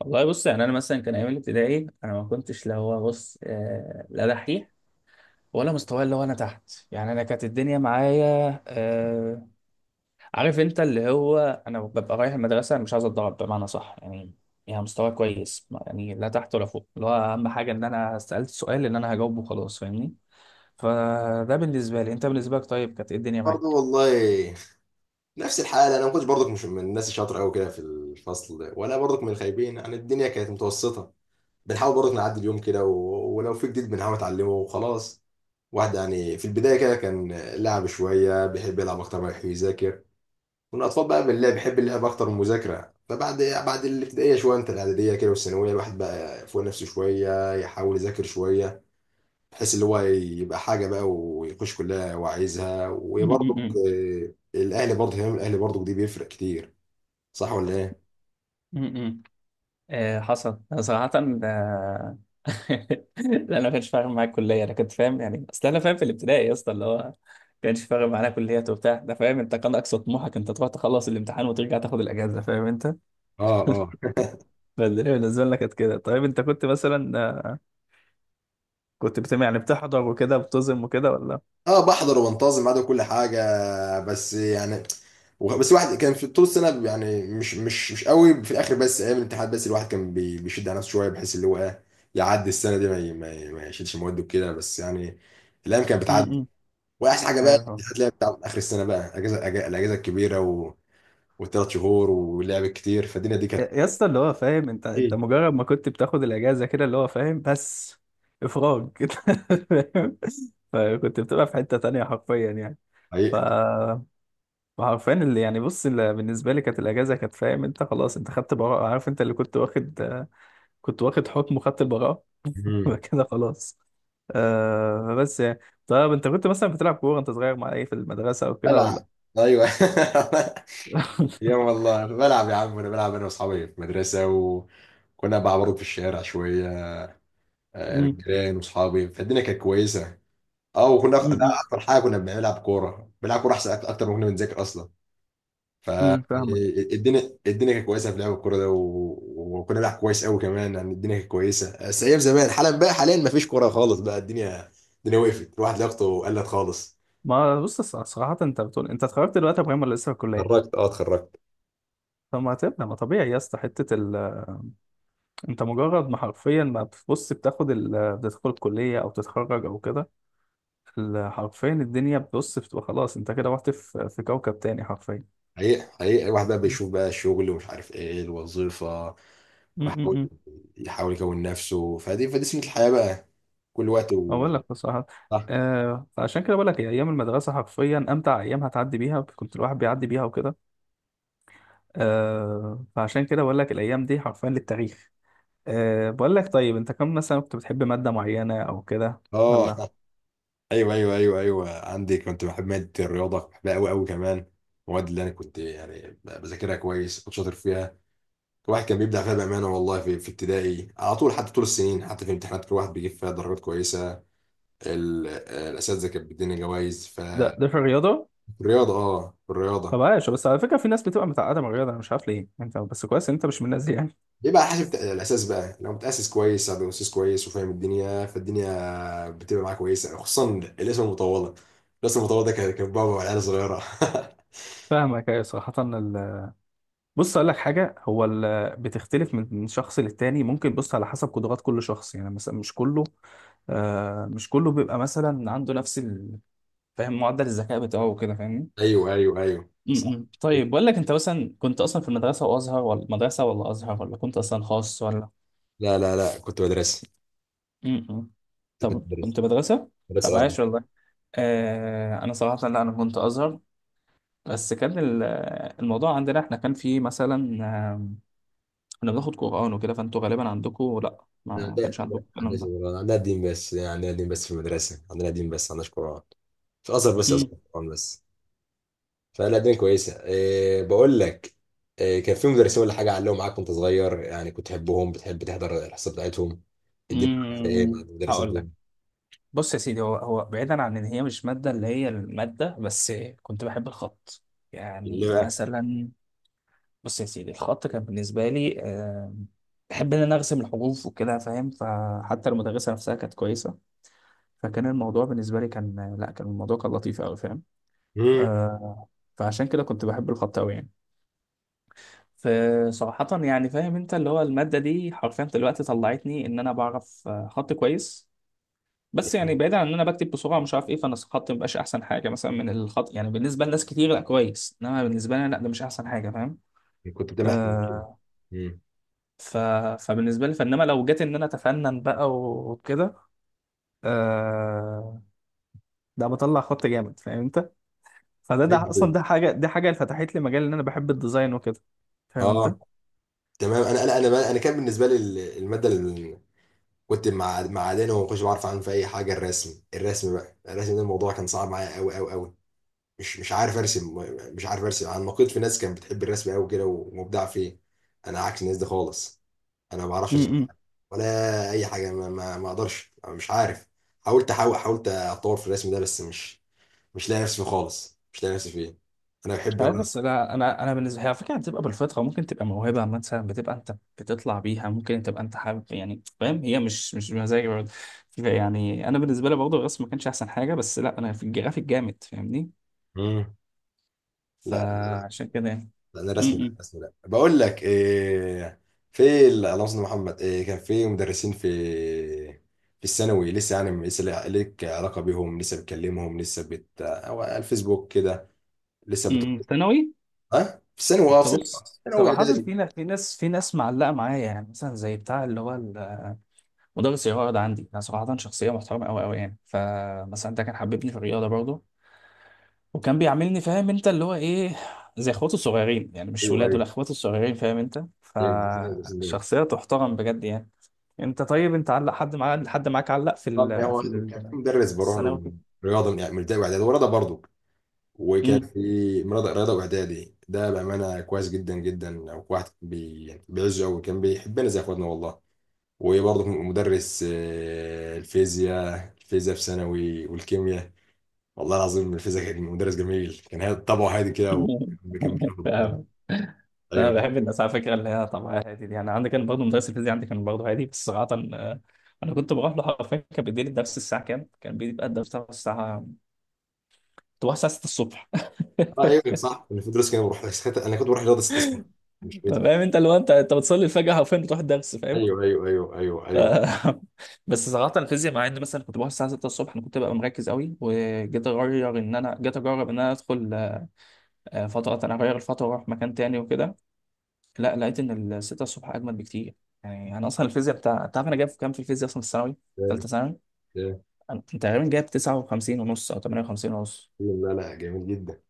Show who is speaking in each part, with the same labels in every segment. Speaker 1: والله بص يعني انا مثلا كان ايام الابتدائي انا ما كنتش، لا هو بص، لا دحيح ولا مستواي، اللي هو انا تحت. يعني انا كانت الدنيا معايا، عارف انت، اللي هو انا ببقى رايح المدرسه أنا مش عايز اتضرب، بمعنى صح يعني. يعني مستواي كويس، يعني لا تحت ولا فوق، اللي هو اهم حاجه ان انا سالت سؤال ان انا هجاوبه خلاص، فاهمني. فده بالنسبه لي، انت بالنسبه لك طيب كانت ايه الدنيا
Speaker 2: برضه
Speaker 1: معاك؟
Speaker 2: والله. نفس الحالة، أنا ما كنتش برضك مش من الناس الشاطرة أوي كده في الفصل ولا برضك من الخايبين، يعني الدنيا كانت متوسطة. بنحاول برضك نعدي اليوم كده، و... ولو في جديد بنحاول نتعلمه وخلاص. واحد يعني في البداية كده كان لعب شوية، بيحب يلعب أكتر ما يحب يذاكر. والأطفال بقى من اللي بيحب اللعب أكتر من المذاكرة. فبعد الابتدائية شوية، أنت الإعدادية كده والثانوية، الواحد بقى فوق نفسه شوية يحاول يذاكر شوية، بحيث اللي هو يبقى حاجه بقى ويخش كلها وعايزها.
Speaker 1: م-
Speaker 2: وبرضك
Speaker 1: م-
Speaker 2: الاهلي، برضه اهتمام الاهلي برضه دي بيفرق كتير. صح ولا ايه؟
Speaker 1: م. م. آه، حصل. أنا صراحه آه، لا انا ما كانش فارق معايا الكليه، انا كنت فاهم يعني. اصل انا فاهم في الابتدائي يا اسطى، اللي هو ما كانش فارق معانا كليات وبتاع ده، فاهم انت. كان اقصى طموحك انت تروح تخلص الامتحان وترجع تاخد الاجازه، فاهم انت.
Speaker 2: اه اه.
Speaker 1: فالدنيا بالنسبه لنا كانت كده. طيب انت كنت مثلا كنت يعني بتحضر وكده بتظلم وكده، ولا؟
Speaker 2: اه بحضر وبنتظم بعد كل حاجه، بس يعني بس واحد كان في طول السنه، يعني مش قوي في الاخر، بس ايام الامتحانات بس الواحد كان بيشد على نفسه شويه، بحيث اللي هو ايه، يعدي السنه دي، ما يشيلش مواد وكده. بس يعني الايام كانت بتعدي.
Speaker 1: امم
Speaker 2: واحسن حاجه بقى
Speaker 1: ايوه فاهم.
Speaker 2: الامتحانات اللي هي بتاع اخر السنه، بقى اجازه، الاجازه الكبيره وثلاث شهور ولعب كتير. فالدنيا دي
Speaker 1: يا
Speaker 2: كانت
Speaker 1: يا اسطى، اللي هو فاهم انت، انت
Speaker 2: ايه،
Speaker 1: مجرد ما كنت بتاخد الاجازه كده، اللي هو فاهم، بس افراج كده، فاهم. فكنت بتبقى في حته تانية حرفيا يعني. ف
Speaker 2: حقيقة.
Speaker 1: وعارفين اللي يعني، بص، اللي بالنسبه لي كانت الاجازه، كانت فاهم انت، خلاص انت خدت براءه، عارف انت، اللي كنت واخد كنت واخد حكم وخدت البراءه.
Speaker 2: مم.
Speaker 1: كده خلاص. آه بس يعني. طب انت كنت مثلا بتلعب كوره انت صغير مع ايه في المدرسه او كده، ولا؟
Speaker 2: بلعب. ايوه. يا والله بلعب يا عم. انا بلعب انا واصحابي في المدرسه، وكنا بعبرط في الشارع شويه انا
Speaker 1: امم
Speaker 2: وجيران واصحابي، فالدنيا كانت كويسه. اه وكنا ده،
Speaker 1: امم
Speaker 2: اكتر حاجه كنا بنلعب كوره. بنلعب كوره احسن اكتر ما كنا بنذاكر اصلا.
Speaker 1: فاهمك.
Speaker 2: فالدنيا كانت كويسه في لعب الكوره ده. و... وكنا بنلعب كويس قوي كمان، يعني الدنيا كانت كويسه. بس ايام زمان، حالا بقى حاليا ما فيش كوره خالص، بقى الدنيا وقفت، الواحد لياقته قلت خالص.
Speaker 1: ما بص، صراحة انت بتقول انت اتخرجت دلوقتي يا ابراهيم، ولا لسه في الكلية؟
Speaker 2: اتخرجت، اه اتخرجت.
Speaker 1: طب ما هتبقى، ما طبيعي يا اسطى، انت مجرد ما حرفيا ما بتبص، بتاخد بتدخل الكلية او تتخرج او كده، حرفيا الدنيا بتبص بتبقى خلاص، انت كده رحت في كوكب تاني حرفيا.
Speaker 2: حقيقي الواحد بقى
Speaker 1: م-
Speaker 2: بيشوف بقى الشغل، ومش عارف ايه الوظيفه، ويحاول
Speaker 1: م.
Speaker 2: يكون نفسه. فدي سنه الحياه بقى، كل وقت. و...
Speaker 1: اقول لك بصراحه،
Speaker 2: صح.
Speaker 1: آه، عشان كده بقول لك هي ايام المدرسه حرفيا امتع ايام هتعدي بيها، كنت الواحد بيعدي بيها وكده. آه، فعشان كده بقول لك الايام دي حرفيا للتاريخ. آه، بقول لك، طيب انت كم مثلا كنت بتحب ماده معينه او كده،
Speaker 2: اه.
Speaker 1: ولا؟
Speaker 2: ايوه ايوه ايوه ايوه، عندي كنت بحب ماده الرياضه، بحبها قوي قوي كمان. المواد اللي انا كنت يعني بذاكرها كويس كنت شاطر فيها، الواحد كان بيبدع فيها بأمانة والله. في ابتدائي على طول، حتى طول السنين، حتى في امتحانات كل واحد بيجيب فيها درجات كويسة. الأساتذة كانت بتدينا جوائز في
Speaker 1: ده ده في الرياضه؟
Speaker 2: الرياضة، اه في
Speaker 1: طب
Speaker 2: الرياضة.
Speaker 1: عايش. بس على فكره، في ناس بتبقى متعقده من الرياضه، انا مش عارف ليه، انت بس كويس ان انت مش من الناس دي يعني.
Speaker 2: يبقى حسب الأساس بقى، لو متأسس كويس أو أساس كويس وفاهم الدنيا، فالدنيا بتبقى معاك كويسة، خصوصا الاسم المطولة. الاسم المطولة ده كان بابا والعيال صغيرة.
Speaker 1: فاهمك، ايوه صراحه. بص، اقول لك حاجه، هو بتختلف من شخص للتاني، ممكن بص على حسب قدرات كل شخص. يعني مثلا مش كله، آه مش كله بيبقى مثلا عنده نفس فاهم، معدل الذكاء بتاعه وكده، فاهمني.
Speaker 2: أيوه أيوه أيوه صح.
Speaker 1: م. طيب بقول لك، انت مثلا كنت اصلا في المدرسه وازهر ولا مدرسه ولا ازهر، ولا كنت اصلا خاص ولا؟
Speaker 2: لا كنت مدرسي.
Speaker 1: م. طب
Speaker 2: كنت مدرسي،
Speaker 1: كنت مدرسه. طب
Speaker 2: مدرسة اه.
Speaker 1: عايش والله. آه، انا صراحه لا، انا كنت ازهر، بس كان الموضوع عندنا احنا كان فيه مثلا، كنا بناخد قرآن وكده، فانتوا غالبا عندكم لا، ما كانش
Speaker 2: لا ما
Speaker 1: عندكم الكلام
Speaker 2: عندناش
Speaker 1: ده.
Speaker 2: قرآن، عندنا دين بس. يعني عندنا دين بس في المدرسة، عندنا دين بس ما عندناش قرآن. في الأزهر بس
Speaker 1: مم.
Speaker 2: أزهر، قرآن بس. فلا دين كويسة. إيه بقول لك، إيه كان في مدرسين ولا حاجة علقوا معاك وأنت صغير، يعني كنت تحبهم، بتحب تحضر الحصة بتاعتهم، الدين معاك في إيه مع
Speaker 1: مم.
Speaker 2: المدرسين
Speaker 1: هقول لك،
Speaker 2: دول؟
Speaker 1: بص يا سيدي، هو هو بعيدا عن ان هي مش ماده، اللي هي الماده بس، كنت بحب الخط. يعني
Speaker 2: ليه بقى؟
Speaker 1: مثلا، بص يا سيدي، الخط كان بالنسبه لي بحب ان انا ارسم الحروف وكده، فاهم، فحتى المدرسه نفسها كانت كويسه، فكان الموضوع بالنسبه لي كان، لا كان الموضوع كان لطيف قوي، فاهم.
Speaker 2: مم.
Speaker 1: آه، فعشان كده كنت بحب الخط قوي يعني. فصراحة يعني، فاهم انت، اللي هو المادة دي حرفيا دلوقتي طلعتني ان انا بعرف خط كويس. بس يعني بعيدا عن ان انا بكتب بسرعة مش عارف ايه، فانا الخط مبقاش احسن حاجة مثلا، من الخط يعني بالنسبة لناس كتير، لا كويس، انما بالنسبة لي لا، ده مش احسن حاجة، فاهم.
Speaker 2: كنت بتعمل أحسن من كده.
Speaker 1: آه.
Speaker 2: مم.
Speaker 1: ف... فبالنسبة لي، فانما لو جيت ان انا اتفنن بقى وكده، آه، ده بطلع خط جامد، فاهم انت. فده اصلا،
Speaker 2: أيوة.
Speaker 1: ده حاجة دي حاجة اللي فتحت لي مجال ان انا بحب الديزاين وكده، فاهم انت.
Speaker 2: اه. تمام. انا كان بالنسبه لي الماده اللي كنت مع معادن، وما كنتش بعرف عنها في اي حاجه. الرسم، الرسم بقى الرسم ده، الموضوع كان صعب معايا قوي قوي قوي. مش عارف ارسم. مش عارف ارسم. انا نقيت في ناس كانت بتحب الرسم قوي كده ومبدع فيه، انا عكس الناس دي خالص. انا ما بعرفش ارسم ولا اي حاجه. ما اقدرش، مش عارف. حاولت اتطور في الرسم ده، بس مش مش لاقي نفسي فيه خالص، مش لاقي نفسي فيه. انا
Speaker 1: مش
Speaker 2: بحب
Speaker 1: عارف، بس انا بالنسبه، هي على فكره هتبقى بالفطره، ممكن تبقى موهبه مثلا بتبقى انت بتطلع بيها، ممكن تبقى انت حابب يعني، فاهم، هي مش مزاجي برضه. يعني انا بالنسبه لي برضه الرسم ما كانش احسن حاجه، بس لا انا في الجرافيك جامد، فاهمني.
Speaker 2: مم. لا
Speaker 1: فعشان كده يعني.
Speaker 2: انا رسمي، لا
Speaker 1: م-
Speaker 2: رسمي. لا بقول لك إيه، اللهم صل على محمد. إيه كان في مدرسين في في الثانوي لسه يعني، لسه ليك علاقه بيهم، لسه بتكلمهم، لسه بت او على الفيسبوك كده، لسه بت.
Speaker 1: ثانوي.
Speaker 2: اه في الثانوي، اه
Speaker 1: انت
Speaker 2: في ثانوي.
Speaker 1: بص
Speaker 2: ثانوي
Speaker 1: صراحه،
Speaker 2: اعدادي.
Speaker 1: في ناس في ناس معلقه معايا، يعني مثلا زي بتاع اللي هو مدرس الرياضه عندي، انا صراحه شخصيه محترمه قوي قوي يعني، فمثلا ده كان حببني في الرياضه برضه، وكان بيعاملني، فاهم انت اللي هو ايه، زي اخواته الصغيرين يعني، مش
Speaker 2: ايوه
Speaker 1: ولاده لا
Speaker 2: ايوه
Speaker 1: اخواته الصغيرين، فاهم انت،
Speaker 2: ايوه في المدرسين دول.
Speaker 1: فشخصية تحترم بجد يعني. انت طيب، انت علق حد معاك، حد معاك علق في
Speaker 2: طب هو كان في مدرس بروح له
Speaker 1: الثانوي
Speaker 2: من
Speaker 1: كده؟
Speaker 2: رياضه، من يعني من ابتدائي واعدادي، ورياضه برضه. وكان
Speaker 1: امم
Speaker 2: في رياضه واعدادي، ده بامانه كويس جدا جدا، واحد يعني بيعزه قوي، كان بيحبنا زي اخواتنا والله. وبرضه كنت مدرس الفيزياء. الفيزياء في ثانوي والكيمياء، والله العظيم الفيزياء كان مدرس جميل، كان هادي طبعه هادي كده، وما كان بياخد ضغط.
Speaker 1: فاهم. انا
Speaker 2: ايوه.
Speaker 1: بحب الناس على فكره، اللي هي طبعا هادي دي، يعني عندي كان برضه مدرس الفيزياء عندي كان برضه هادي بس صراحه، آه، انا كنت بروح له حرفيا، كان بيديني الدرس الساعه كام؟ كان بيبقى الدرس بتاعه الساعه، تروح الساعه 6 الصبح.
Speaker 2: اه ايوه صح. انا في دروس كده بروح ساعتها، انا كنت بروح رياضه استصناع، مش
Speaker 1: فاهم
Speaker 2: فيزياء.
Speaker 1: انت اللي هو، انت بتصلي الفجر حرفيا بتروح الدرس.
Speaker 2: ايوه ايوه ايوه ايوه
Speaker 1: ف-
Speaker 2: ايوه.
Speaker 1: بس صراحة الفيزياء، مع ان مثلا كنت بروح الساعة 6 الصبح، انا كنت ببقى مركز قوي، وجيت اغير، ان انا جيت اجرب ان انا ادخل فترة، انا اغير الفترة واروح مكان تاني وكده، لا لقيت ان ال 6 الصبح اجمل بكتير. يعني انا اصلا الفيزياء بتاع، انت عارف انا جايب كام في الفيزياء اصلا في الثانوي،
Speaker 2: آه،
Speaker 1: ثالثة ثانوي؟
Speaker 2: آه.
Speaker 1: انا كنت تقريبا جايب 59 ونص او 58 ونص.
Speaker 2: لا لا، جميل جدا.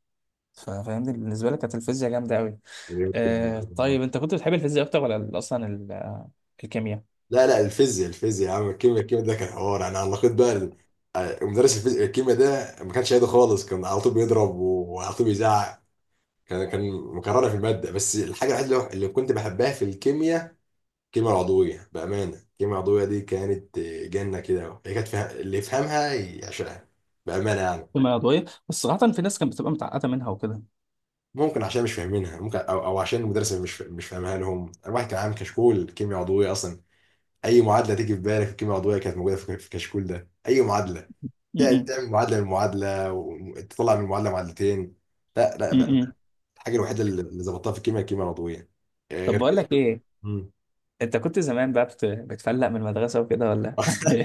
Speaker 1: فاهمني بالنسبة لي كانت الفيزياء جامدة قوي.
Speaker 2: جميل جدا
Speaker 1: آه،
Speaker 2: والله.
Speaker 1: طيب انت كنت بتحب الفيزياء اكتر ولا اصلا الكيمياء؟
Speaker 2: لا لا، الفيزياء الفيزياء يا عم. الكيمياء، الكيمياء ده كان حوار، انا علقت بقى مدرس الفيزياء. الكيمياء ده ما كانش هادي خالص، كان على طول بيضرب وعلى طول بيزعق، كان مكررة في المادة. بس الحاجة الوحيدة اللي كنت بحبها في الكيمياء، الكيمياء العضوية بأمانة. الكيمياء العضوية دي كانت جنة كده، هي كانت فيها، اللي يفهمها يعشقها بأمانة يعني.
Speaker 1: الكيمياء العضوية، بس صراحة في ناس كانت بتبقى متعقدة منها وكده.
Speaker 2: ممكن عشان مش فاهمينها، ممكن أو, أو عشان المدرس مش مش فاهمها لهم. الواحد كان عامل كشكول كيمياء عضوية أصلا، أي معادلة تيجي في بالك في الكيمياء العضوية كانت موجودة في الكشكول ده، أي معادلة،
Speaker 1: م-
Speaker 2: تعمل معادلة من معادلة، وتطلع من معادلة معادلتين. لا لا
Speaker 1: م-
Speaker 2: بقى.
Speaker 1: م-
Speaker 2: الحاجة الوحيدة اللي ظبطتها في الكيمياء، الكيمياء العضوية،
Speaker 1: طب
Speaker 2: غير
Speaker 1: بقول
Speaker 2: كده
Speaker 1: لك ايه، انت كنت زمان بقى بتفلق من المدرسه وكده، ولا؟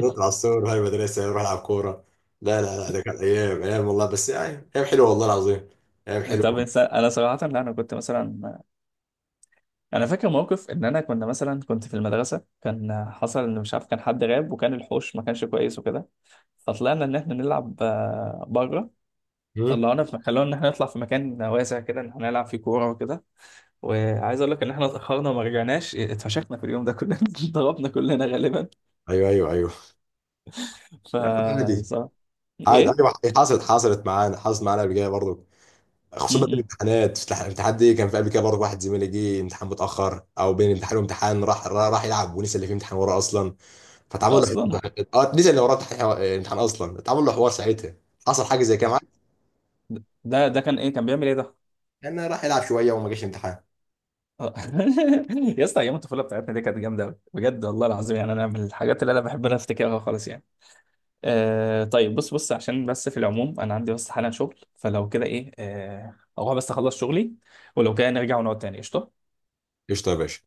Speaker 2: نطلع الصور وهاي المدرسة نروح نلعب كورة. لا ده كانت أيام، أيام والله، بس يعني أيام حلوة والله العظيم، أيام
Speaker 1: طب
Speaker 2: حلوة.
Speaker 1: انسان، انا صراحه لا، انا كنت مثلا، انا فاكر موقف ان انا، كنا مثلا كنت في المدرسه، كان حصل ان مش عارف، كان حد غاب وكان الحوش ما كانش كويس وكده، فطلعنا ان احنا نلعب بره،
Speaker 2: مم.
Speaker 1: طلعونا في، خلونا ان احنا نطلع في مكان واسع كده ان احنا نلعب فيه كوره وكده، وعايز اقول لك ان احنا اتاخرنا وما رجعناش، اتفشخنا في اليوم ده كلنا. ضربنا كلنا غالبا.
Speaker 2: أيوه أيوه أيوه،
Speaker 1: ف
Speaker 2: يعني عادي.
Speaker 1: صراحة-
Speaker 2: عادي
Speaker 1: ايه.
Speaker 2: أيوه، حصلت، حصلت معانا قبل كده برضه.
Speaker 1: م-
Speaker 2: خصوصا في
Speaker 1: م.
Speaker 2: الامتحانات، في الامتحان دي، كان في قبل كده برضه واحد زميلي جه امتحان متأخر، أو بين امتحان وامتحان راح راح يلعب، ونسي اللي فيه امتحان وراه أصلا. فتعمل له
Speaker 1: اصلا.
Speaker 2: حوار، اه نسي اللي وراه امتحان، امتحان أصلا، اتعمل له حوار ساعتها، حصل حاجة زي كده معاه.
Speaker 1: ده كان ايه، كان بيعمل ايه ده؟
Speaker 2: كان راح يلعب شوية وما جاش امتحان.
Speaker 1: آه. يا اسطى، ايام الطفوله بتاعتنا دي كانت جامده أوي، بجد والله العظيم. يعني انا من الحاجات اللي انا بحب انا افتكرها خالص يعني. آه، طيب بص بص، عشان بس في العموم انا عندي بس حالا شغل، فلو كده ايه، آه اروح بس اخلص شغلي، ولو كده نرجع ونقعد تاني، قشطه.
Speaker 2: قشطة يا باشا.